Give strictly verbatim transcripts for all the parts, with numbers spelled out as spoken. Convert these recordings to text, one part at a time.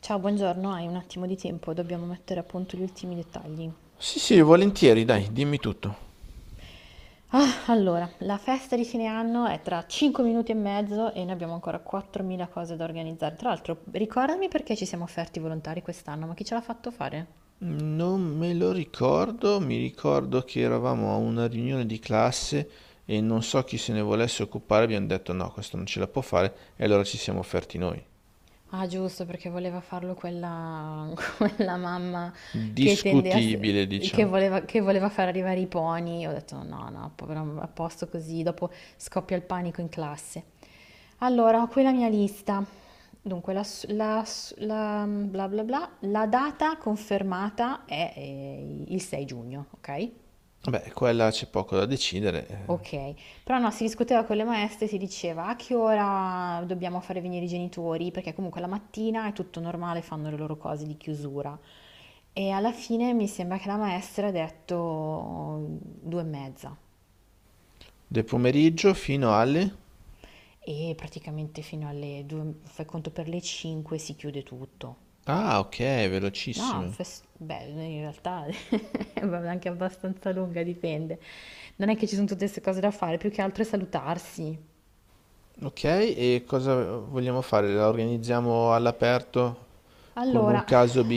Ciao, buongiorno, hai un attimo di tempo, dobbiamo mettere a punto gli ultimi dettagli. Sì, sì, volentieri, dai, dimmi tutto. Allora, la festa di fine anno è tra cinque minuti e mezzo e noi abbiamo ancora quattromila cose da organizzare. Tra l'altro, ricordami perché ci siamo offerti volontari quest'anno, ma chi ce l'ha fatto fare? Non me lo ricordo, mi ricordo che eravamo a una riunione di classe e non so chi se ne volesse occupare, abbiamo detto no, questo non ce la può fare e allora ci siamo offerti noi. Ah, giusto, perché voleva farlo quella, quella mamma che tende a s- Discutibile, che diciamo. voleva, che voleva far arrivare i pony. Ho detto no, no, povero, a posto così, dopo scoppia il panico in classe. Allora, ho qui la mia lista. Dunque, la, s- la s- la- bla bla bla, la data confermata è eh, il sei giugno, ok? Vabbè, qua e là c'è poco da decidere. eh. Ok, però no, si discuteva con le maestre, si diceva a che ora dobbiamo fare venire i genitori, perché comunque la mattina è tutto normale, fanno le loro cose di chiusura. E alla fine mi sembra che la maestra ha detto due e mezza Del pomeriggio fino alle... e praticamente fino alle due, fai conto per le cinque si chiude tutto. Ah, ok, No, velocissime. fes- beh, in realtà è anche abbastanza lunga, dipende. Non è che ci sono tutte queste cose da fare, più che altro è salutarsi. Ok, e cosa vogliamo fare? La organizziamo all'aperto? Con un Allora, caso B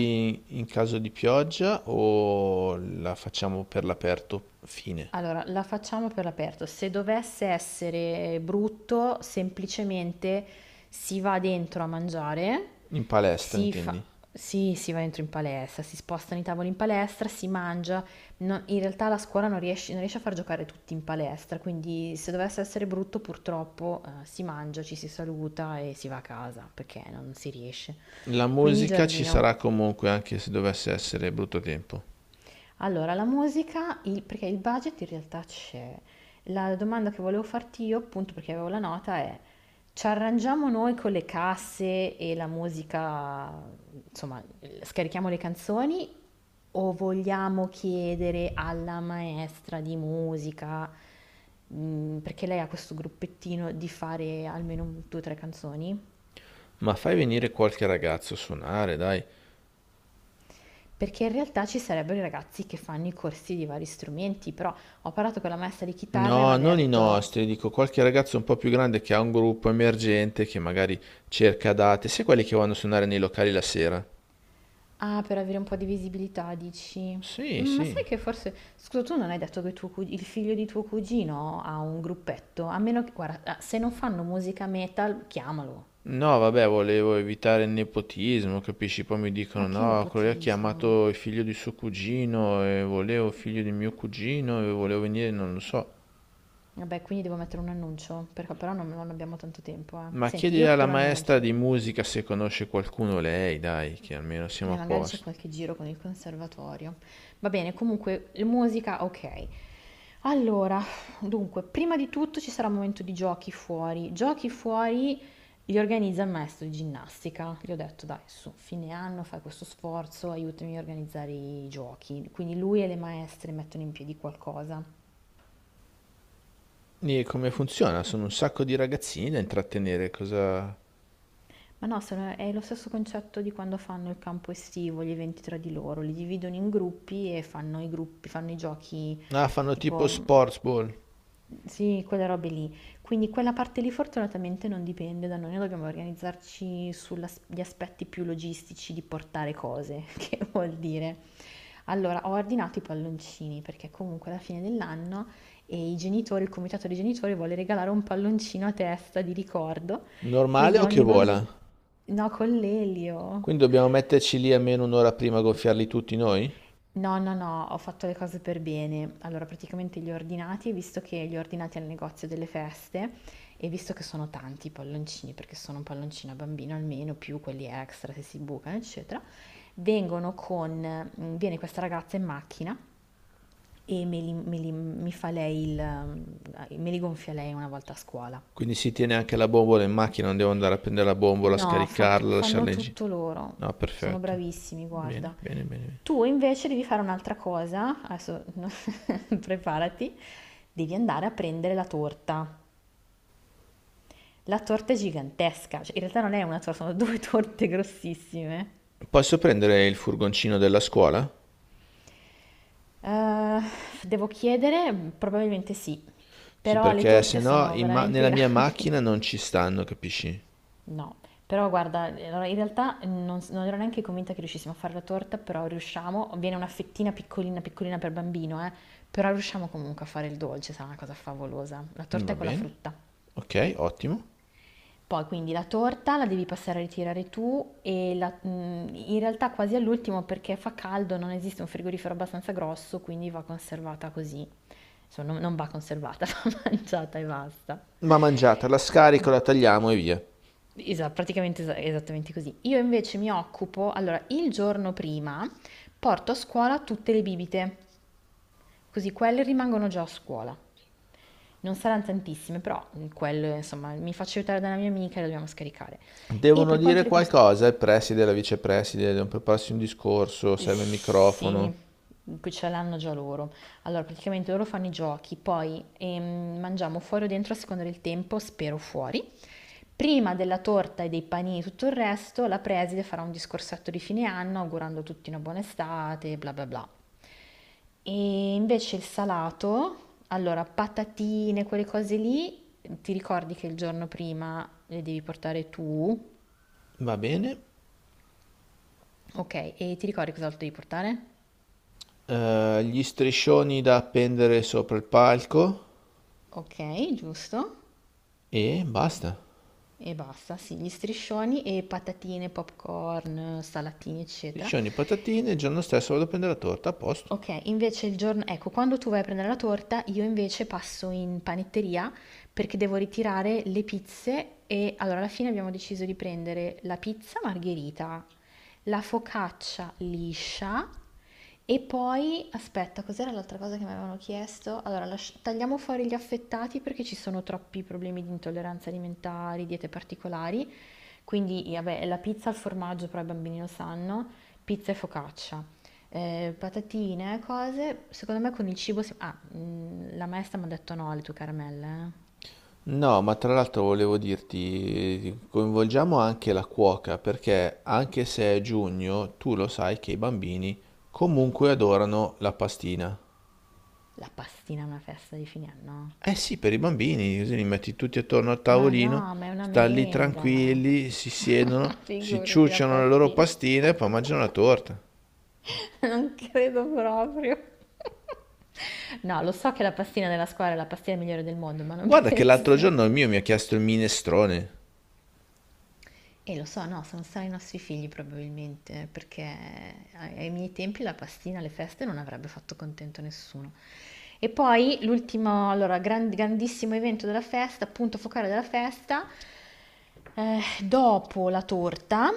in caso di pioggia o la facciamo per l'aperto fine? Allora, la facciamo per l'aperto. Se dovesse essere brutto, semplicemente si va dentro a mangiare, In palestra, si fa... intendi? sì, si va dentro in palestra, si spostano i tavoli in palestra, si mangia. No- in realtà la scuola non riesce, non riesce a far giocare tutti in palestra, quindi se dovesse essere brutto, purtroppo, eh, si mangia, ci si saluta e si va a casa, perché non si riesce. La Quindi musica ci sarà giardino. comunque anche se dovesse essere brutto tempo. Allora, la musica, il- perché il budget in realtà c'è. La domanda che volevo farti io, appunto perché avevo la nota, è ci arrangiamo noi con le casse e la musica, insomma, scarichiamo le canzoni o vogliamo chiedere alla maestra di musica, mh, perché lei ha questo gruppettino, di fare almeno due o tre canzoni? Ma fai venire qualche ragazzo a suonare, dai. Perché in realtà ci sarebbero i ragazzi che fanno i corsi di vari strumenti, però... Ho parlato con la maestra di chitarra e mi No, ha non i detto. nostri, dico qualche ragazzo un po' più grande che ha un gruppo emergente che magari cerca date, sai quelli che vanno a suonare nei locali la sera? Ah, per avere un po' di visibilità, dici? Sì, Mm, Ma sì. sai che forse... Scusa, tu non hai detto che tuo cug- il figlio di tuo cugino ha un gruppetto? A meno che... Guarda, ah, se non fanno musica metal, chiamalo. No, vabbè, volevo evitare il nepotismo, capisci? Poi mi dicono, Ma che no, quello lì ha nepotismo. chiamato il figlio di suo cugino e volevo il figlio di mio cugino e volevo venire, non lo so. Vabbè, quindi devo mettere un annuncio, perché però non, non abbiamo tanto tempo, eh. Ma Senti, chiedi io alla metto maestra l'annuncio. di musica se conosce qualcuno lei, dai, che almeno siamo Beh, a magari c'è posto. qualche giro con il conservatorio. Va bene, comunque, l- musica, ok. Allora, dunque, prima di tutto ci sarà un momento di giochi fuori. Giochi fuori li organizza il maestro di ginnastica. Gli ho detto, dai, su, fine anno fai questo sforzo, aiutami a organizzare i giochi. Quindi lui e le maestre mettono in piedi qualcosa. E come funziona? Sono un sacco di ragazzini da intrattenere, cosa... Ma no, sono- è lo stesso concetto di quando fanno il campo estivo, gli eventi tra di loro. Li dividono in gruppi e fanno i gruppi, fanno i giochi Ah, fanno tipo tipo. sports ball. Sì, quelle robe lì. Quindi quella parte lì fortunatamente non dipende da noi, noi dobbiamo organizzarci sugli aspetti più logistici di portare cose, che vuol dire. Allora, ho ordinato i palloncini perché comunque alla fine dell'anno e i genitori, il comitato dei genitori vuole regalare un palloncino a testa di ricordo, Normale quindi o che ogni vola? bambino... No, con l'elio. Quindi dobbiamo metterci lì almeno un'ora prima a gonfiarli tutti noi? No, no, no, ho fatto le cose per bene. Allora, praticamente li ho ordinati, visto che li ho ordinati al negozio delle feste e visto che sono tanti i palloncini, perché sono un palloncino a bambino almeno, più quelli extra se si bucano, eccetera, vengono con, mm, viene questa ragazza in macchina e me li, me li- mi fa lei il, mm, me li gonfia lei una volta a scuola. Quindi si tiene anche la bombola in macchina, non devo andare a prendere la bombola, No, fa tu- scaricarla, fanno lasciarla in giro. tutto loro. No, Sono perfetto. bravissimi, guarda. Bene, bene, bene. bene. Tu invece devi fare un'altra cosa. Adesso preparati. Devi andare a prendere la torta. La torta è gigantesca. Cioè, in realtà non è una torta, sono due torte grossissime. Posso prendere il furgoncino della scuola? Eh, devo chiedere? Probabilmente sì. Sì, Però le perché se torte no sono in ma- veramente nella mia grandi. macchina non ci stanno, capisci? No, però guarda, allora in realtà non, s- non ero neanche convinta che riuscissimo a fare la torta, però riusciamo, viene una fettina piccolina piccolina per bambino, eh, però riusciamo comunque a fare il dolce, sarà una cosa favolosa. La torta Va è con la bene, frutta. ok, ottimo. Poi quindi la torta la devi passare a ritirare tu e la- mm, in realtà quasi all'ultimo perché fa caldo, non esiste un frigorifero abbastanza grosso, quindi va conservata così. Insomma, non non va conservata, va mangiata e basta. Va mangiata, la scarico, la tagliamo e via. Esatto, praticamente es- esattamente così. Io invece mi occupo, allora, il giorno prima porto a scuola tutte le bibite, così quelle rimangono già a scuola. Non saranno tantissime, però mm, quelle, insomma, mi faccio aiutare da una mia amica e le dobbiamo scaricare. E Devono per quanto dire riguarda... qualcosa il preside e la vicepreside, devono prepararsi un discorso, serve il Sì, microfono. qui ce l'hanno già loro. Allora, praticamente loro fanno i giochi, poi ehm, mangiamo fuori o dentro a seconda del tempo, spero fuori. Prima della torta e dei panini e tutto il resto, la preside farà un discorsetto di fine anno augurando a tutti una buona estate, bla bla bla. E invece il salato, allora patatine, quelle cose lì, ti ricordi che il giorno prima le devi portare tu, Va bene. ok, e ti ricordi cos'altro devi portare? Eh, gli striscioni da appendere sopra il palco. Ok, giusto. E basta. E basta, sì, gli striscioni e patatine, popcorn, salatini, eccetera. Liscioni e patatine, il giorno stesso vado a prendere la torta, a posto. Ok, invece il giorno, ecco, quando tu vai a prendere la torta, io invece passo in panetteria perché devo ritirare le pizze e allora alla fine abbiamo deciso di prendere la pizza margherita, la focaccia liscia e poi, aspetta, cos'era l'altra cosa che mi avevano chiesto? Allora, lasci- tagliamo fuori gli affettati perché ci sono troppi problemi di intolleranza alimentari, diete particolari, quindi vabbè, la pizza al formaggio, però i bambini lo sanno, pizza e focaccia eh, patatine, cose. Secondo me con il cibo si... Ah, mm, la maestra mi ha detto no alle tue caramelle, eh. No, ma tra l'altro volevo dirti, coinvolgiamo anche la cuoca, perché anche se è giugno, tu lo sai che i bambini comunque adorano la pastina. La pastina è una festa di fine anno. Eh sì, per i bambini, così li metti tutti attorno al Ma tavolino, no, ma è una stanno lì merenda. tranquilli, si siedono, si Figurati la ciucciano le loro pastina. pastine e poi mangiano la torta. Non credo proprio. No, lo so che la pastina della scuola è la pastina migliore del mondo, ma non Guarda che l'altro penso. giorno il mio mi ha chiesto il minestrone, E lo so, no, sono stati i nostri figli probabilmente, perché ai ai miei tempi la pastina alle feste non avrebbe fatto contento nessuno. E poi l'ultimo, allora, gran- grandissimo evento della festa, punto focale della festa, eh, dopo la torta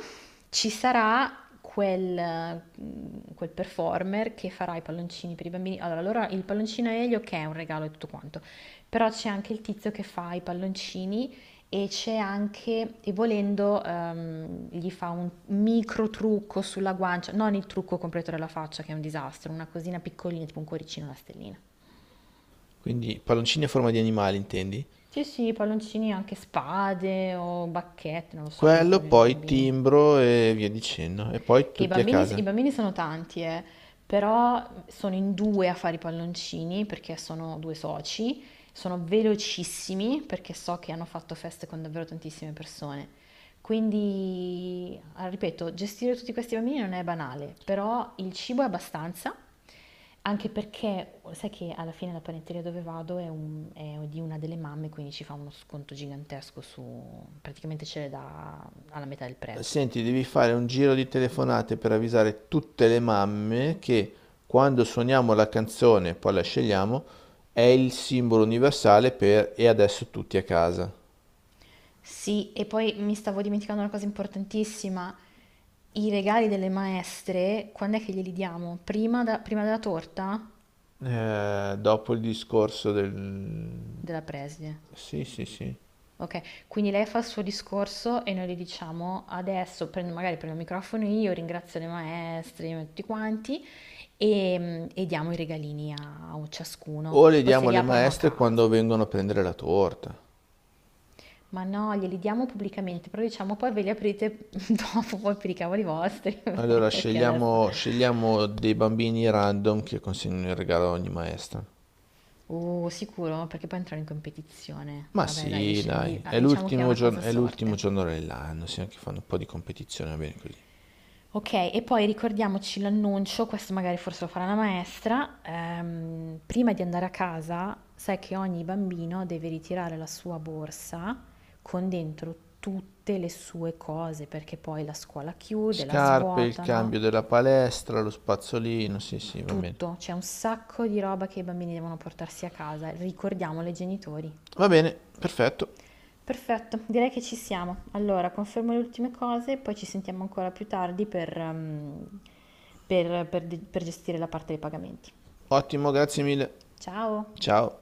ci sarà quel, mm, quel performer che farà i palloncini per i bambini. Allora, allora il palloncino a Elio che è un regalo e tutto quanto, però c'è anche il tizio che fa i palloncini e c'è anche, e volendo, ehm, gli fa un micro trucco sulla guancia, non il trucco completo della faccia che è un disastro, una cosina piccolina, tipo un cuoricino, una stellina. quindi palloncini a forma di animali, intendi? Sì, sì, palloncini anche spade o bacchette, non lo so quello che Quello, vogliono i poi bambini. timbro e via dicendo. E poi Che i tutti a bambini, casa. i bambini sono tanti, eh, però sono in due a fare i palloncini perché sono due soci, sono velocissimi perché so che hanno fatto feste con davvero tantissime persone. Quindi, ah, ripeto, gestire tutti questi bambini non è banale, però il cibo è abbastanza, anche perché sai che alla fine la panetteria dove vado è, un- è di una delle mamme, quindi ci fa uno sconto gigantesco su, praticamente ce l'è da alla metà del prezzo. Senti, devi fare un giro di telefonate per avvisare tutte le mamme che quando suoniamo la canzone, poi la scegliamo, è il simbolo universale per e adesso tutti a casa. Sì, e poi mi stavo dimenticando una cosa importantissima. I regali delle maestre, quando è che glieli diamo? Prima, da- prima della torta? Eh, dopo il discorso del... Della preside. Sì, sì, sì. Ok, quindi lei fa il suo discorso e noi gli diciamo adesso, prendo, magari prendo il microfono io, ringrazio le maestre, tutti quanti, e, e diamo i regalini a, a O ciascuno. le Poi se diamo li alle aprono a maestre quando casa. vengono a prendere la torta. Ma no, glieli diamo pubblicamente, però diciamo poi ve li aprite dopo, poi per i cavoli vostri. Allora Perché adesso... scegliamo, scegliamo dei bambini random che consegnano il regalo a ogni maestra. Uh, sicuro, perché poi entrano in competizione. Ma Vabbè, dai, li sì, sc- gli- dai, ah, è diciamo che è l'ultimo una cosa giorno, a è l'ultimo sorte. giorno dell'anno, sì, anche fanno un po' di competizione, va bene così. Ok, e poi ricordiamoci l'annuncio, questo magari forse lo farà la maestra, ehm, prima di andare a casa, sai che ogni bambino deve ritirare la sua borsa con dentro tutte le sue cose, perché poi la scuola chiude, la Scarpe, il svuotano, cambio della palestra, lo spazzolino, sì, sì, va bene. tutto. C'è un sacco di roba che i bambini devono portarsi a casa. Ricordiamolo ai genitori. Va bene, perfetto. Perfetto, direi che ci siamo. Allora, confermo le ultime cose e poi ci sentiamo ancora più tardi per, ehm, per- per- per gestire la parte dei pagamenti. Ottimo, grazie mille. Ciao! Ciao.